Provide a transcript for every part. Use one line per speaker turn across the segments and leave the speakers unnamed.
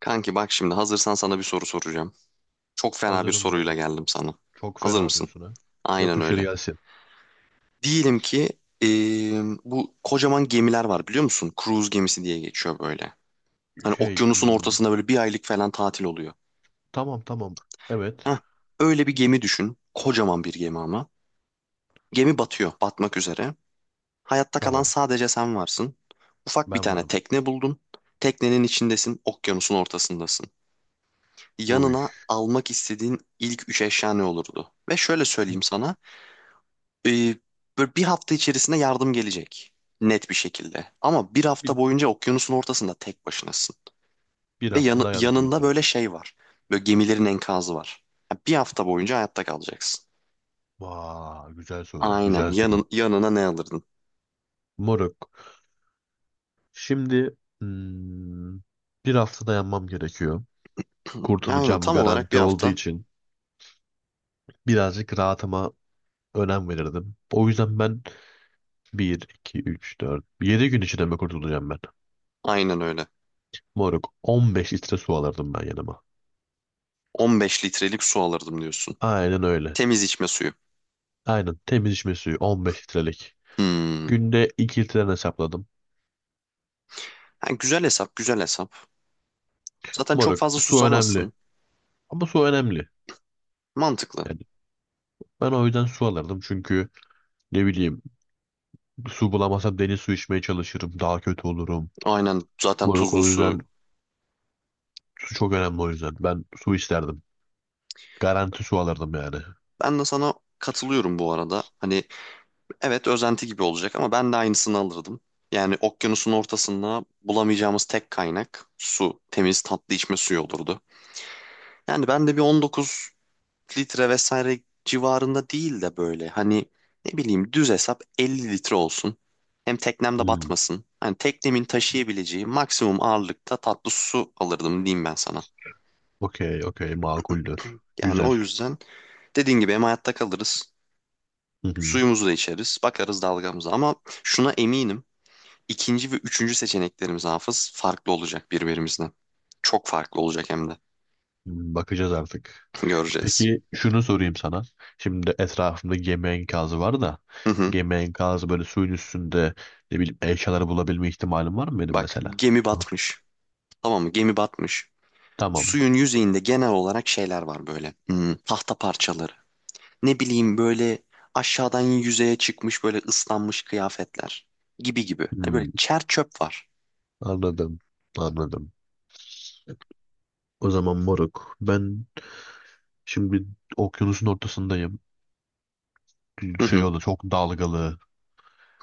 Kanki bak şimdi hazırsan sana bir soru soracağım. Çok fena bir
Hazırım
soruyla
moruk.
geldim sana.
Çok
Hazır
fena
mısın?
diyorsun ha.
Aynen
Yapışır
öyle.
gelsin.
Diyelim ki bu kocaman gemiler var biliyor musun? Cruise gemisi diye geçiyor böyle. Hani
Şey,
okyanusun
hmm,
ortasında böyle bir aylık falan tatil oluyor.
tamam tamam. Evet,
Heh, öyle bir gemi düşün. Kocaman bir gemi ama. Gemi batıyor, batmak üzere. Hayatta kalan
tamam.
sadece sen varsın. Ufak bir
Ben
tane
varım.
tekne buldun. Teknenin içindesin, okyanusun ortasındasın.
Uy.
Yanına almak istediğin ilk üç eşya ne olurdu? Ve şöyle
Bir,
söyleyeyim sana. e, böyle bir hafta içerisinde yardım gelecek. Net bir şekilde. Ama bir hafta
bir,
boyunca okyanusun ortasında tek başınasın.
bir
Ve
hafta dayan
yanında
diyorsun.
böyle şey var. Böyle gemilerin enkazı var. Ya bir hafta boyunca hayatta kalacaksın.
Vay, güzel soru.
Aynen.
Güzel soru.
Yanına ne alırdın?
Moruk. Şimdi bir hafta dayanmam gerekiyor.
Aynen.
Kurtulacağım
Tam olarak
garanti
bir
olduğu
hafta.
için birazcık rahatıma önem verirdim. O yüzden ben bir 2 3 4 7 gün içinde mi kurtulacağım ben?
Aynen öyle.
Moruk, 15 litre su alırdım ben yanıma.
15 litrelik su alırdım diyorsun.
Aynen öyle.
Temiz içme suyu.
Aynen temiz içme suyu 15 litrelik.
Hmm.
Günde 2 litreden hesapladım.
Ha, güzel hesap, güzel hesap. Zaten çok
Moruk,
fazla
su önemli.
susamazsın.
Ama su önemli.
Mantıklı.
Yani ben o yüzden su alırdım çünkü ne bileyim su bulamazsam deniz suyu içmeye çalışırım. Daha kötü olurum.
Aynen zaten
Moruk
tuzlu
o
su.
yüzden su çok önemli o yüzden. Ben su isterdim. Garanti su alırdım yani.
Ben de sana katılıyorum bu arada. Hani evet özenti gibi olacak ama ben de aynısını alırdım. Yani okyanusun ortasında bulamayacağımız tek kaynak su. Temiz tatlı içme suyu olurdu. Yani ben de bir 19 litre vesaire civarında değil de böyle hani ne bileyim düz hesap 50 litre olsun. Hem teknem de
Hmm,
batmasın. Hani teknemin taşıyabileceği maksimum ağırlıkta tatlı su alırdım diyeyim ben sana.
okey okey makuldür.
Yani
Güzel.
o yüzden dediğin gibi hem hayatta kalırız,
Hı hı.
suyumuzu da içeriz, bakarız dalgamıza ama şuna eminim. İkinci ve üçüncü seçeneklerimiz hafız farklı olacak birbirimizden. Çok farklı olacak hem de.
Bakacağız artık.
Göreceğiz.
Peki şunu sorayım sana. Şimdi etrafımda gemi enkazı var da
Hı hı.
gemi enkazı böyle suyun üstünde ne bileyim eşyaları bulabilme ihtimalim var mı benim
Bak
mesela?
gemi
Yok.
batmış. Tamam mı? Gemi batmış.
Tamam.
Suyun yüzeyinde genel olarak şeyler var böyle. Tahta parçaları. Ne bileyim böyle aşağıdan yüzeye çıkmış böyle ıslanmış kıyafetler. Gibi gibi. Hani böyle
Hmm,
çer çöp var.
anladım. Anladım. O zaman moruk ben şimdi okyanusun ortasındayım.
Hı
Şey
hı.
olur çok dalgalı.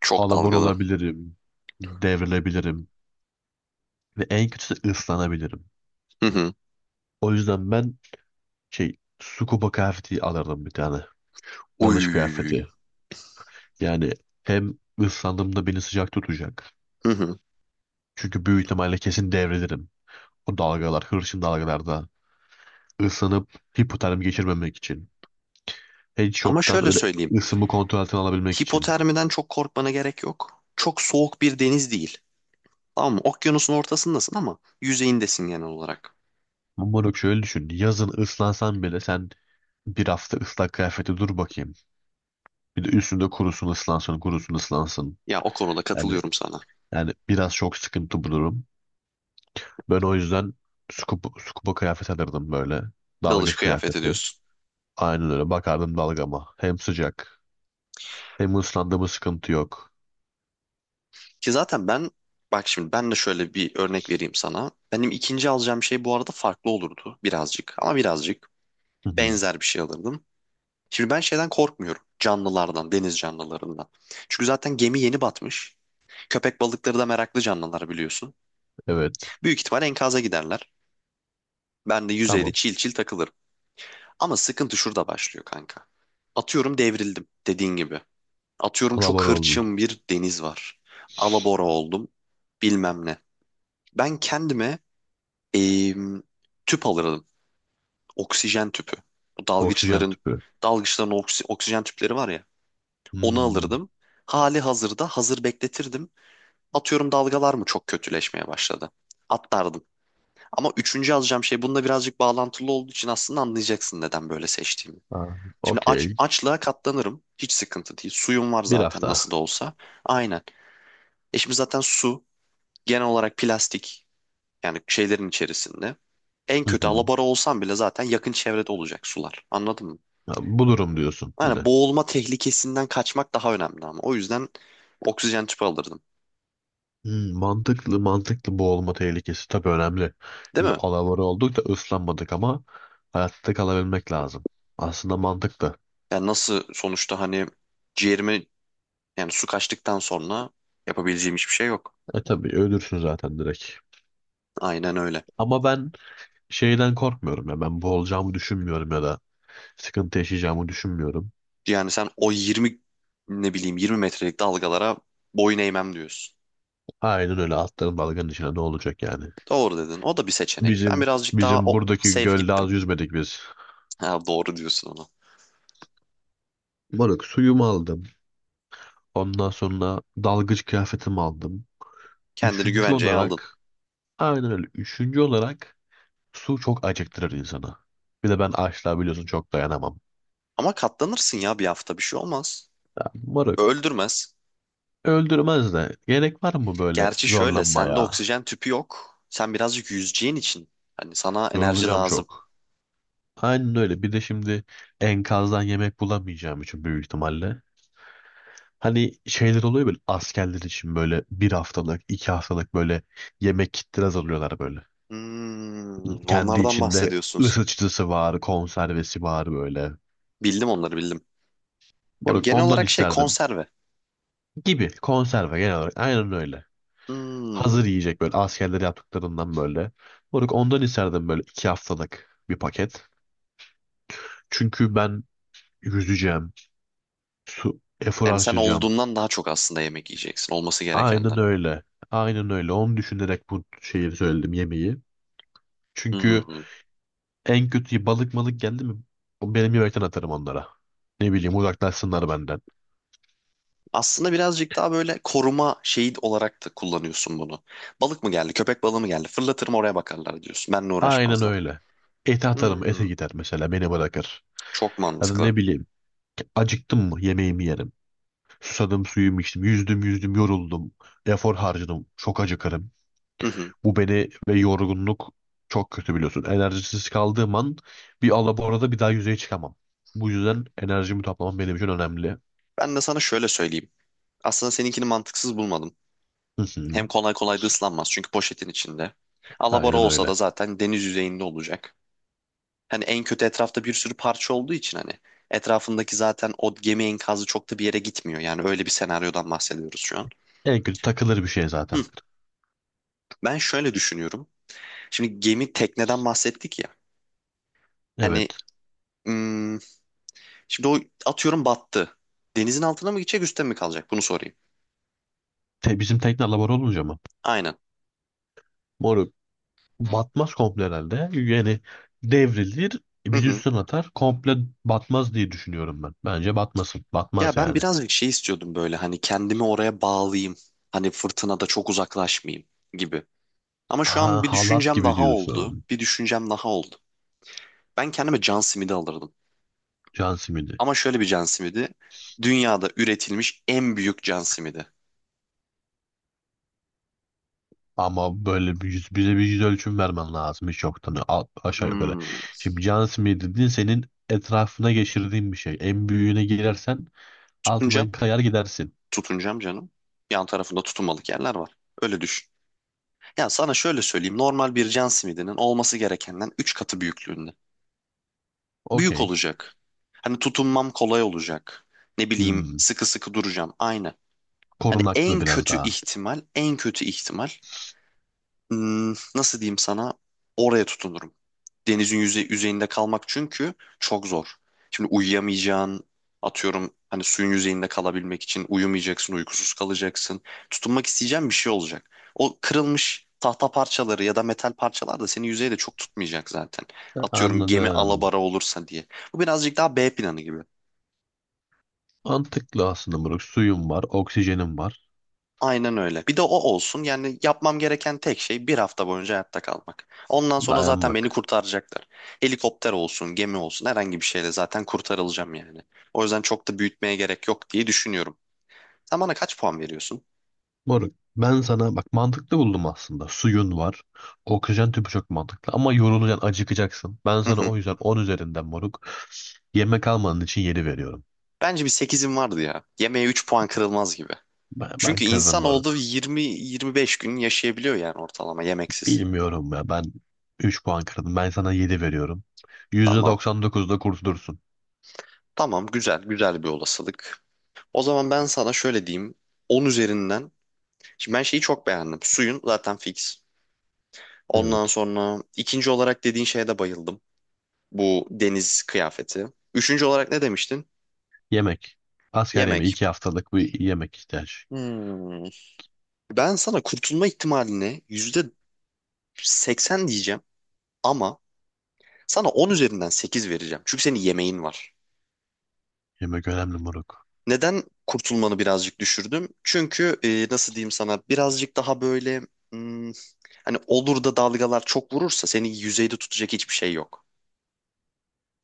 Çok
Alabor
dalgalı.
olabilirim. Devrilebilirim. Ve en kötüsü ıslanabilirim.
Hı hı.
O yüzden ben şey scuba kıyafeti alırdım bir tane. Dalış
Uy.
kıyafeti. Yani hem ıslandığımda beni sıcak tutacak.
Hı hı.
Çünkü büyük ihtimalle kesin devrilirim. O dalgalar, hırçın dalgalarda ısınıp hipotermi geçirmemek için. Heat
Ama
shock'tan
şöyle
öyle
söyleyeyim.
ısımı kontrol altına alabilmek için.
Hipotermiden çok korkmana gerek yok. Çok soğuk bir deniz değil. Tamam mı? Okyanusun ortasındasın ama yüzeyindesin genel olarak.
Ama bak şöyle düşün. Yazın ıslansan bile sen bir hafta ıslak kıyafeti dur bakayım. Bir de üstünde kurusun ıslansın, kurusun ıslansın.
Ya o konuda
Yani
katılıyorum sana.
yani biraz çok sıkıntı bu durum. Ben o yüzden scuba kıyafet alırdım böyle.
Dalış
Dalgıç
kıyafet
kıyafeti.
ediyorsun.
Aynen öyle bakardım dalgama. Hem sıcak. Hem ıslandı sıkıntı yok.
Ki zaten ben bak şimdi ben de şöyle bir örnek vereyim sana. Benim ikinci alacağım şey bu arada farklı olurdu birazcık ama birazcık
Hı hı,
benzer bir şey alırdım. Şimdi ben şeyden korkmuyorum. Canlılardan, deniz canlılarından. Çünkü zaten gemi yeni batmış. Köpek balıkları da meraklı canlılar biliyorsun.
evet.
Büyük ihtimal enkaza giderler. Ben de yüzeyde
Tamam.
çil çil takılırım. Ama sıkıntı şurada başlıyor kanka. Atıyorum devrildim dediğin gibi. Atıyorum çok
Alabora oldun.
hırçın bir deniz var. Alabora oldum. Bilmem ne. Ben kendime em, tüp alırdım. Oksijen tüpü. Bu
Oksijen
dalgıçların
tüpü.
dalgıçların oksijen tüpleri var ya. Onu
Hmm.
alırdım. Hali hazırda hazır bekletirdim. Atıyorum dalgalar mı çok kötüleşmeye başladı. Atlardım. Ama üçüncü alacağım şey bununla birazcık bağlantılı olduğu için aslında anlayacaksın neden böyle seçtiğimi.
Ha,
Şimdi aç,
okey.
açlığa katlanırım. Hiç sıkıntı değil. Suyum var
Bir
zaten nasıl
hafta.
da olsa. Aynen. E şimdi zaten su genel olarak plastik yani şeylerin içerisinde. En
Hı
kötü
hı.
alabora olsam bile zaten yakın çevrede olacak sular. Anladın mı?
Ha, bulurum diyorsun
Yani
yine.
boğulma tehlikesinden kaçmak daha önemli ama. O yüzden oksijen tüpü alırdım.
Hmm, mantıklı mantıklı boğulma tehlikesi tabii önemli.
Değil
Şimdi
mi?
alabora olduk da ıslanmadık ama hayatta kalabilmek lazım. Aslında mantıklı.
Yani nasıl sonuçta hani ciğerime yani su kaçtıktan sonra yapabileceğim hiçbir şey yok.
E tabii ölürsün zaten direkt.
Aynen öyle.
Ama ben şeyden korkmuyorum ya ben boğulacağımı düşünmüyorum ya da sıkıntı yaşayacağımı düşünmüyorum.
Yani sen o 20 ne bileyim 20 metrelik dalgalara boyun eğmem diyorsun.
Aynen öyle atların dalganın içine ne olacak yani.
Doğru dedin. O da bir seçenek. Ben
Bizim
birazcık daha
bizim
o
buradaki
safe
gölde
gittim.
az yüzmedik biz.
Ha, doğru diyorsun ona.
Moruk suyumu aldım. Ondan sonra dalgıç kıyafetimi aldım.
Kendini
Üçüncü
güvenceye aldın.
olarak aynen öyle. Üçüncü olarak su çok acıktırır insanı. Bir de ben açlığa biliyorsun çok dayanamam.
Ama katlanırsın ya bir hafta bir şey olmaz.
Ya, moruk,
Öldürmez.
öldürmez de gerek var mı böyle
Gerçi şöyle sende
zorlanmaya?
oksijen tüpü yok. Sen birazcık yüzeceğin için hani sana enerji
Yorulacağım
lazım.
çok. Aynen öyle. Bir de şimdi enkazdan yemek bulamayacağım için büyük ihtimalle. Hani şeyler oluyor böyle askerler için böyle bir haftalık, iki haftalık böyle yemek kitleri hazırlıyorlar böyle. Kendi
Onlardan
içinde
bahsediyorsunuz.
ısıtıcısı var, konservesi var böyle.
Bildim onları bildim. Ya
Bunu-
genel
ondan
olarak şey
isterdim.
konserve.
Gibi konserve genel olarak aynen öyle.
Hmm,
Hazır yiyecek böyle askerler yaptıklarından böyle. Moruk ondan isterdim böyle iki haftalık bir paket. Çünkü ben yüzeceğim, su, efor
Yani sen
harcayacağım.
olduğundan daha çok aslında yemek yiyeceksin. Olması
Aynen
gerekenden.
öyle. Aynen öyle. Onu düşünerek bu şeyi söyledim yemeği. Çünkü
Hmm.
en kötü balık malık geldi mi? O benim yemekten atarım onlara. Ne bileyim uzaklaşsınlar benden.
Aslında birazcık daha böyle koruma şeyi olarak da kullanıyorsun bunu. Balık mı geldi, köpek balığı mı geldi? Fırlatırım oraya bakarlar diyorsun. Benle
Aynen
uğraşmazlar.
öyle. Ete atarım. Ete
Hmm.
gider mesela. Beni bırakır.
Çok
Ya da
mantıklı.
ne bileyim. Acıktım mı yemeğimi yerim. Susadım suyumu içtim. Yüzdüm yüzdüm yoruldum. Efor harcadım. Çok acıkarım.
Hı hı.
Bu beni ve yorgunluk çok kötü biliyorsun. Enerjisiz kaldığım an bir alaborada bir daha yüzeye çıkamam. Bu yüzden enerjimi toplamam benim için önemli.
Ben de sana şöyle söyleyeyim. Aslında seninkini mantıksız bulmadım.
Hı hı.
Hem kolay kolay da ıslanmaz çünkü poşetin içinde. Alabora
Aynen
olsa
öyle.
da zaten deniz yüzeyinde olacak. Hani en kötü etrafta bir sürü parça olduğu için hani etrafındaki zaten o gemi enkazı çok da bir yere gitmiyor. Yani öyle bir senaryodan bahsediyoruz şu an.
En kötü takılır bir şey
Hı.
zaten.
Ben şöyle düşünüyorum. Şimdi gemi tekneden bahsettik ya. Hani
Evet.
hmm, şimdi o atıyorum battı. Denizin altına mı gidecek üstte mi kalacak? Bunu sorayım.
Te, bizim tekne alabora olunca mı?
Aynen.
Moruk batmaz komple herhalde. Yani devrilir
Hı
bir
hı.
üstüne atar. Komple batmaz diye düşünüyorum ben. Bence batmasın.
Ya
Batmaz
ben
yani.
birazcık şey istiyordum böyle hani kendimi oraya bağlayayım. Hani fırtınada çok uzaklaşmayayım gibi. Ama şu an
Ha,
bir
halat
düşüncem
gibi
daha oldu.
diyorsun.
Bir düşüncem daha oldu. Ben kendime can simidi alırdım.
Can simidi.
Ama şöyle bir can simidi. Dünyada üretilmiş en büyük can simidi.
Ama böyle bir yüz, bize bir yüz ölçüm vermen lazım hiç yoktan a- aşağı yukarı.
Hmm.
Şimdi can simidi dediğin senin etrafına geçirdiğin bir şey. En büyüğüne girersen
Tutuncam.
altından kayar gidersin.
Tutuncam canım. Yan tarafında tutunmalık yerler var. Öyle düşün. Ya sana şöyle söyleyeyim. Normal bir can simidinin olması gerekenden 3 katı büyüklüğünde. Büyük
Okey.
olacak. Hani tutunmam kolay olacak. Ne bileyim
Hmm,
sıkı sıkı duracağım. Aynı. Hani
korunaklı
en
biraz
kötü
daha.
ihtimal, en kötü ihtimal nasıl diyeyim sana oraya tutunurum denizin yüzeyinde kalmak çünkü çok zor. Şimdi uyuyamayacağın atıyorum hani suyun yüzeyinde kalabilmek için uyumayacaksın, uykusuz kalacaksın. Tutunmak isteyeceğin bir şey olacak. O kırılmış tahta parçaları ya da metal parçalar da seni yüzeyde çok tutmayacak zaten. Atıyorum gemi
Anladım.
alabora olursa diye. Bu birazcık daha B planı gibi.
Mantıklı aslında moruk. Suyun var, oksijenin var.
Aynen öyle. Bir de o olsun. Yani yapmam gereken tek şey bir hafta boyunca hayatta kalmak. Ondan sonra zaten beni
Dayanmak.
kurtaracaklar. Helikopter olsun, gemi olsun, herhangi bir şeyle zaten kurtarılacağım yani. O yüzden çok da büyütmeye gerek yok diye düşünüyorum. Sen bana kaç puan veriyorsun?
Moruk ben sana bak mantıklı buldum aslında. Suyun var. Oksijen tüpü çok mantıklı ama yorulacaksın, acıkacaksın. Ben
Hı
sana
hı.
o yüzden 10 üzerinden moruk. Yemek almanın için 7 veriyorum.
Bence bir 8'im vardı ya. Yemeğe 3 puan kırılmaz gibi.
Ben
Çünkü
kırdım
insan olduğu
moruk.
20-25 gün yaşayabiliyor yani ortalama yemeksiz.
Bilmiyorum ya ben 3 puan kırdım. Ben sana 7 veriyorum.
Tamam.
%99'da kurtulursun.
Tamam, güzel. Güzel bir olasılık. O zaman ben sana şöyle diyeyim. 10 üzerinden. Şimdi ben şeyi çok beğendim. Suyun zaten fix. Ondan
Evet.
sonra ikinci olarak dediğin şeye de bayıldım. Bu deniz kıyafeti. Üçüncü olarak ne demiştin?
Yemek. Asker yemeği
Yemek.
2 haftalık bir yemek ihtiyaç.
Hmm. Ben sana kurtulma ihtimalini %80 diyeceğim ama sana 10 üzerinden 8 vereceğim. Çünkü senin yemeğin var.
Yemek önemli moruk.
Neden kurtulmanı birazcık düşürdüm? Çünkü nasıl diyeyim sana birazcık daha böyle hmm, hani olur da dalgalar çok vurursa seni yüzeyde tutacak hiçbir şey yok.